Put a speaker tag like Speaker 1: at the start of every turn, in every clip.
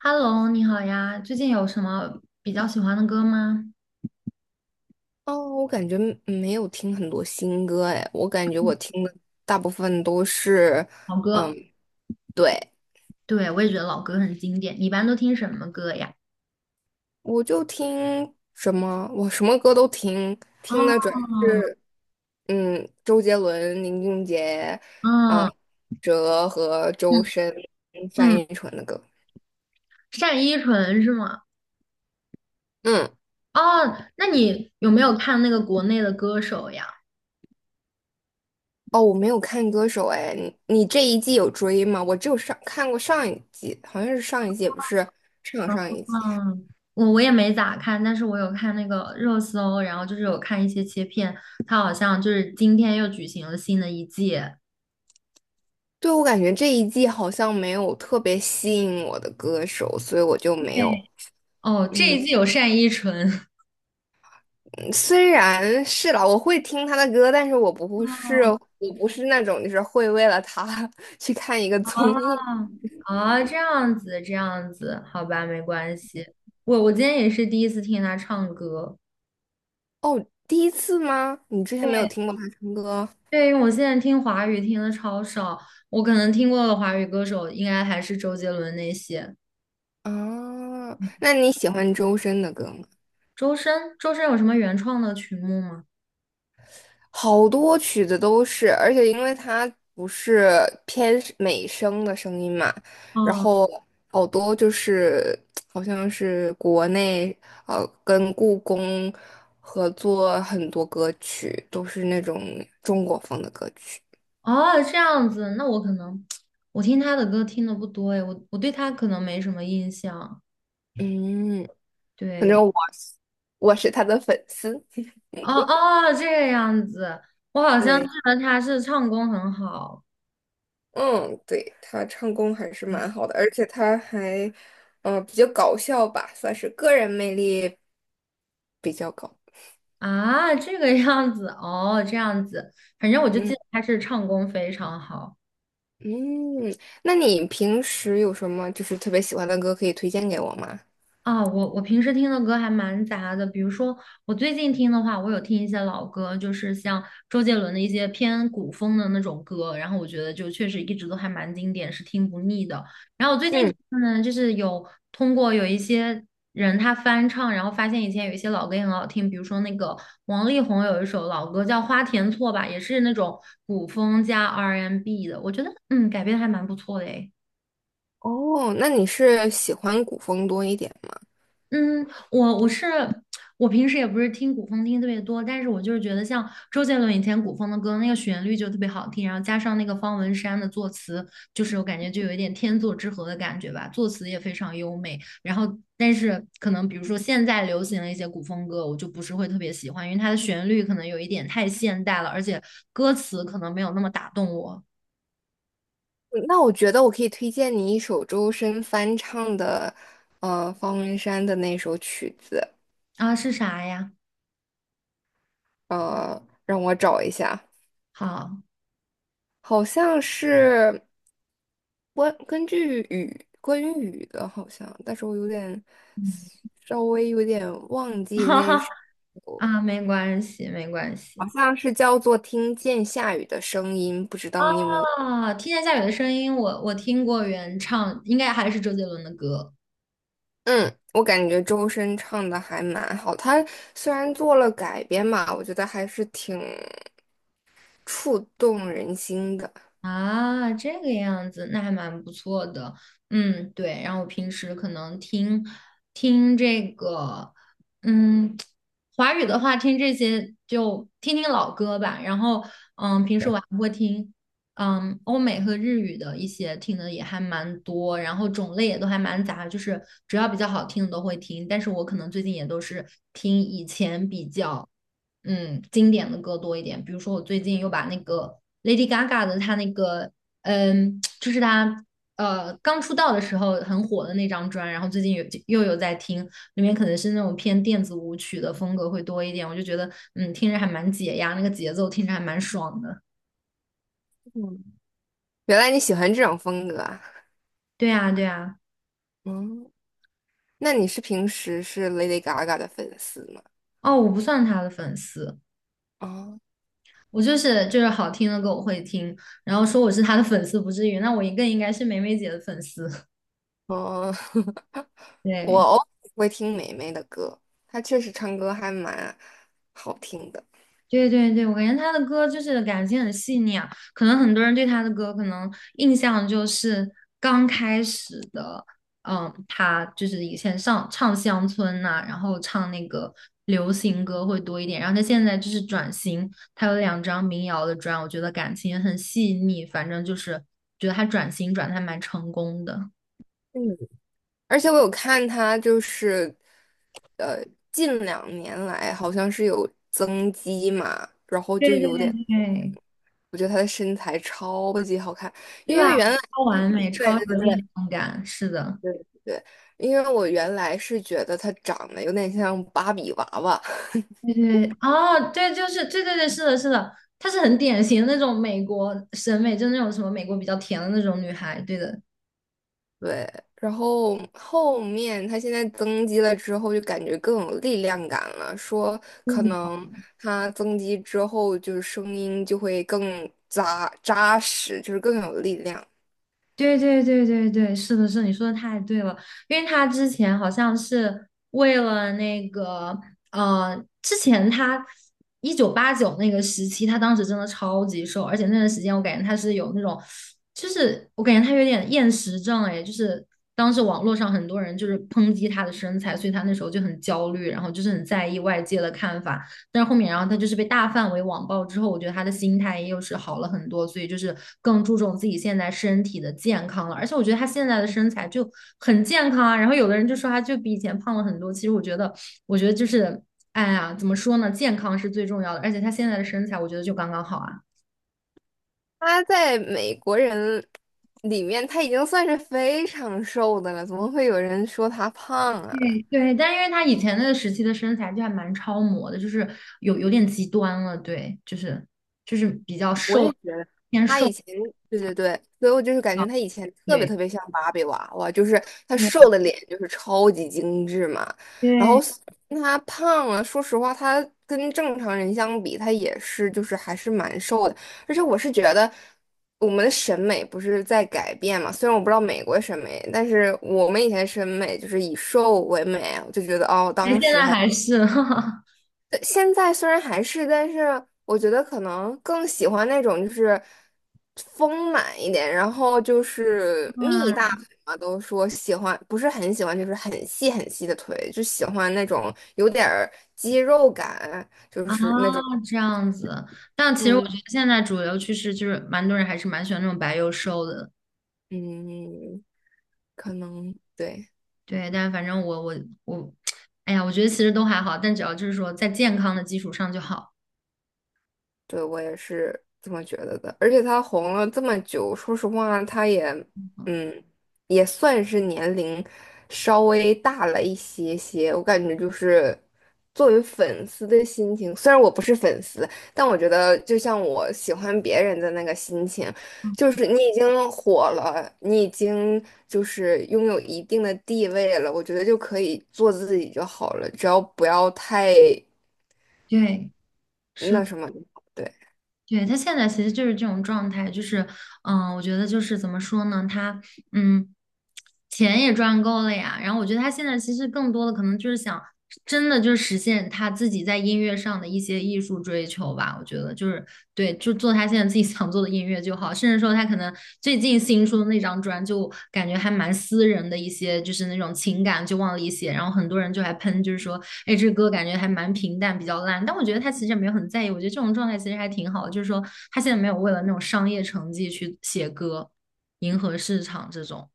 Speaker 1: Hello，你好呀，最近有什么比较喜欢的歌吗？
Speaker 2: 哦，我感觉没有听很多新歌哎，我感觉我听的大部分都是，
Speaker 1: 老
Speaker 2: 嗯，
Speaker 1: 歌，
Speaker 2: 对，
Speaker 1: 对，我也觉得老歌很经典。你一般都听什么歌呀？
Speaker 2: 我就听什么，我什么歌都听，
Speaker 1: 哦，
Speaker 2: 听的主要是周杰伦、林俊杰啊、
Speaker 1: 嗯
Speaker 2: 哲和周深、
Speaker 1: 嗯，
Speaker 2: 单
Speaker 1: 嗯，
Speaker 2: 依纯的歌。
Speaker 1: 单依纯是吗？
Speaker 2: 嗯，
Speaker 1: 哦，那你有没有看那个国内的歌手呀？
Speaker 2: 哦，我没有看歌手哎，你这一季有追吗？我只有看过上一季，好像是上一季，也不是上上一季。
Speaker 1: 嗯，我也没咋看，但是我有看那个热搜，然后就是有看一些切片，他好像就是今天又举行了新的一季。
Speaker 2: 对，我感觉这一季好像没有特别吸引我的歌手，所以我就没
Speaker 1: 对，
Speaker 2: 有。
Speaker 1: 哦，这
Speaker 2: 嗯，
Speaker 1: 一季有单依纯。
Speaker 2: 嗯虽然是啦，我会听他的歌，但是我不是，
Speaker 1: 哦。
Speaker 2: 我不是那种就是会为了他 去看一个
Speaker 1: 啊，
Speaker 2: 综艺。
Speaker 1: 啊，这样子，这样子，好吧，没关系。我今天也是第一次听他唱歌。
Speaker 2: 哦，第一次吗？你之前没有
Speaker 1: 对，
Speaker 2: 听过他唱歌
Speaker 1: 对，因为我现在听华语听的超少，我可能听过的华语歌手应该还是周杰伦那些。
Speaker 2: 啊？那你喜欢周深的歌吗？
Speaker 1: 周深，周深有什么原创的曲目吗？
Speaker 2: 好多曲子都是，而且因为它不是偏是美声的声音嘛，然
Speaker 1: 哦
Speaker 2: 后好多就是好像是国内跟故宫合作很多歌曲，都是那种中国风的歌曲。
Speaker 1: 哦，这样子，那我可能 我听他的歌听的不多诶，我对他可能没什么印象。
Speaker 2: 嗯，反
Speaker 1: 对，
Speaker 2: 正我是他的粉丝。
Speaker 1: 哦哦，这个样子，我好像记
Speaker 2: 对，
Speaker 1: 得他是唱功很好。
Speaker 2: 嗯，对，他唱功还是蛮好的，而且他还比较搞笑吧，算是个人魅力比较高。
Speaker 1: 啊，这个样子哦，这样子，反正我就
Speaker 2: 嗯
Speaker 1: 记得他是唱功非常好。
Speaker 2: 嗯，那你平时有什么就是特别喜欢的歌可以推荐给我吗？
Speaker 1: 啊，我平时听的歌还蛮杂的，比如说我最近听的话，我有听一些老歌，就是像周杰伦的一些偏古风的那种歌，然后我觉得就确实一直都还蛮经典，是听不腻的。然后我最近听
Speaker 2: 嗯，
Speaker 1: 的呢，就是有通过有一些人他翻唱，然后发现以前有一些老歌也很好听，比如说那个王力宏有一首老歌叫《花田错》吧，也是那种古风加 R&B n 的，我觉得改编得还蛮不错的诶。
Speaker 2: 哦，那你是喜欢古风多一点吗？
Speaker 1: 嗯，我我是我平时也不是听古风听特别多，但是我就是觉得像周杰伦以前古风的歌，那个旋律就特别好听，然后加上那个方文山的作词，就是我感觉就有一点天作之合的感觉吧，作词也非常优美。然后，但是可能比如说现在流行的一些古风歌，我就不是会特别喜欢，因为它的旋律可能有一点太现代了，而且歌词可能没有那么打动我
Speaker 2: 嗯那我觉得我可以推荐你一首周深翻唱的，方文山的那首曲子，
Speaker 1: 啊，是啥呀？
Speaker 2: 让我找一下，
Speaker 1: 好，
Speaker 2: 好像是关于雨的，好像，但是我
Speaker 1: 嗯，
Speaker 2: 稍微有点忘 记
Speaker 1: 哈
Speaker 2: 那
Speaker 1: 哈
Speaker 2: 首。
Speaker 1: 啊，没关系，没关
Speaker 2: 好
Speaker 1: 系。
Speaker 2: 像是叫做《听见下雨的声音》，不知道你有没有？
Speaker 1: 啊！听见下雨的声音，我听过原唱，应该还是周杰伦的歌。
Speaker 2: 嗯，我感觉周深唱的还蛮好，他虽然做了改编嘛，我觉得还是挺触动人心的。
Speaker 1: 啊，这个样子，那还蛮不错的。嗯，对。然后我平时可能听听这个，嗯，华语的话听这些就听听老歌吧。然后，平时我还会听，欧美和日语的一些听的也还蛮多，然后种类也都还蛮杂，就是只要比较好听的都会听。但是我可能最近也都是听以前比较。经典的歌多一点。比如说，我最近又把那个 Lady Gaga 的她那个就是她刚出道的时候很火的那张专，然后最近又有在听，里面可能是那种偏电子舞曲的风格会多一点。我就觉得，听着还蛮解压，那个节奏听着还蛮爽的。
Speaker 2: 嗯原来你喜欢这种风格啊？
Speaker 1: 对啊，对啊。
Speaker 2: 嗯那你平时是 Lady Gaga 的粉丝吗？
Speaker 1: 哦，我不算他的粉丝，
Speaker 2: 啊
Speaker 1: 我就是好听的歌我会听，然后说我是他的粉丝不至于，那我也更应该是梅梅姐的粉丝。
Speaker 2: 哦，我
Speaker 1: 对。
Speaker 2: 偶尔会听霉霉的歌，她确实唱歌还蛮好听的。
Speaker 1: 对对对，我感觉他的歌就是感情很细腻啊，可能很多人对他的歌可能印象就是刚开始的，他就是以前上唱乡村呐、然后唱那个流行歌会多一点，然后他现在就是转型，他有2张民谣的专，我觉得感情也很细腻，反正就是觉得他转型转的还蛮成功的。
Speaker 2: 嗯而且我有看她，就是呃，近两年来好像是有增肌嘛，然后
Speaker 1: 对
Speaker 2: 就
Speaker 1: 对
Speaker 2: 有点，
Speaker 1: 对，
Speaker 2: 我觉得她的身材超级好看，
Speaker 1: 对
Speaker 2: 因
Speaker 1: 吧？
Speaker 2: 为原来，
Speaker 1: 超
Speaker 2: 嗯
Speaker 1: 完美，超
Speaker 2: 对
Speaker 1: 有
Speaker 2: 对对
Speaker 1: 力
Speaker 2: 对
Speaker 1: 量感，是的。
Speaker 2: 对对，因为我原来是觉得她长得有点像芭比娃娃，
Speaker 1: 对对，哦，对，就是对对对，是的，是的，她是很典型的那种美国审美，就是那种什么美国比较甜的那种女孩，对的，
Speaker 2: 对，然后后面她现在增肌了之后，就感觉更有力量感了，说可能她增肌之后，就是声音就会更扎扎实，就是更有力量。
Speaker 1: 对对对对对，是的，是的你说的太对了，因为他之前好像是为了那个，呃，之前他1989那个时期，他当时真的超级瘦，而且那段时间我感觉他是有那种，就是我感觉他有点厌食症，哎，就是当时网络上很多人就是抨击他的身材，所以他那时候就很焦虑，然后就是很在意外界的看法，但是后面，然后他就是被大范围网暴之后，我觉得他的心态又是好了很多，所以就是更注重自己现在身体的健康了。而且我觉得他现在的身材就很健康啊。然后有的人就说他就比以前胖了很多，其实我觉得，我觉得就是，哎呀，怎么说呢？健康是最重要的，而且他现在的身材，我觉得就刚刚好啊。
Speaker 2: 他在美国人里面，他已经算是非常瘦的了，怎么会有人说他胖啊？
Speaker 1: 对对，但因为他以前那个时期的身材就还蛮超模的，就是有点极端了，对，就是比较
Speaker 2: 我也
Speaker 1: 瘦，
Speaker 2: 觉得
Speaker 1: 偏
Speaker 2: 他以
Speaker 1: 瘦
Speaker 2: 前，对对对，所以我就是感
Speaker 1: 啊
Speaker 2: 觉他以前特别特别像芭比娃娃，就是他
Speaker 1: 对
Speaker 2: 瘦的脸就是超级精致嘛，然
Speaker 1: 对
Speaker 2: 后
Speaker 1: 对。
Speaker 2: 他胖了，说实话，他跟正常人相比，他也是就是还是蛮瘦的，而且我是觉得我们的审美不是在改变嘛，虽然我不知道美国审美，但是我们以前审美就是以瘦为美，我就觉得哦，
Speaker 1: 其实
Speaker 2: 当
Speaker 1: 现
Speaker 2: 时
Speaker 1: 在
Speaker 2: 还。
Speaker 1: 还是，哈哈，
Speaker 2: 对，现在虽然还是，但是我觉得可能更喜欢那种就是丰满一点，然后就是蜜大
Speaker 1: 嗯
Speaker 2: 腿嘛，都说喜欢，不是很喜欢，就是很细很细的腿，就喜欢那种有点儿肌肉感，就
Speaker 1: 啊，
Speaker 2: 是那种，
Speaker 1: 这样子。但其实我
Speaker 2: 嗯
Speaker 1: 觉得现在主流趋势就是，蛮多人还是蛮喜欢那种白又瘦的。
Speaker 2: 嗯，可能对。
Speaker 1: 对，但反正我，哎呀，我觉得其实都还好，但只要就是说在健康的基础上就好。
Speaker 2: 对，我也是这么觉得的。而且他红了这么久，说实话，他也，嗯，也算是年龄稍微大了一些些。我感觉就是作为粉丝的心情，虽然我不是粉丝，但我觉得就像我喜欢别人的那个心情，就是你已经火了，你已经就是拥有一定的地位了，我觉得就可以做自己就好了，只要不要太
Speaker 1: 对，是，
Speaker 2: 那什么。对。
Speaker 1: 对，他现在其实就是这种状态，就是，我觉得就是怎么说呢，他。嗯，钱也赚够了呀。然后我觉得他现在其实更多的可能就是想，真的就是实现他自己在音乐上的一些艺术追求吧。我觉得就是对，就做他现在自己想做的音乐就好。甚至说他可能最近新出的那张专，就感觉还蛮私人的一些，就是那种情感就往里写。然后很多人就还喷，就是说，哎，这歌感觉还蛮平淡，比较烂。但我觉得他其实也没有很在意。我觉得这种状态其实还挺好的，就是说他现在没有为了那种商业成绩去写歌。迎合市场这种。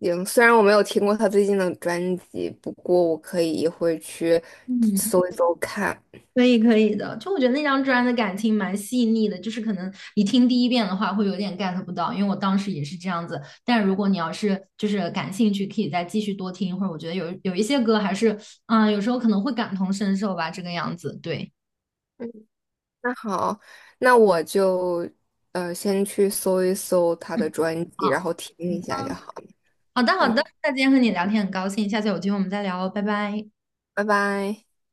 Speaker 2: 行，虽然我没有听过他最近的专辑，不过我可以一会儿去
Speaker 1: 嗯，
Speaker 2: 搜一搜看。
Speaker 1: 可以可以的，就我觉得那张专辑的感情蛮细腻的，就是可能你听第一遍的话会有点 get 不到，因为我当时也是这样子。但如果你要是就是感兴趣，可以再继续多听一会儿。或者我觉得有一些歌还是，有时候可能会感同身受吧，这个样子。对，
Speaker 2: 嗯，那好，那我就先去搜一搜他的
Speaker 1: 嗯，
Speaker 2: 专辑，然
Speaker 1: 好
Speaker 2: 后听一下就好了
Speaker 1: 好的好的，
Speaker 2: 嗯，
Speaker 1: 那今天和你聊天很高兴，下次有机会我们再聊哦，拜拜。
Speaker 2: 拜拜。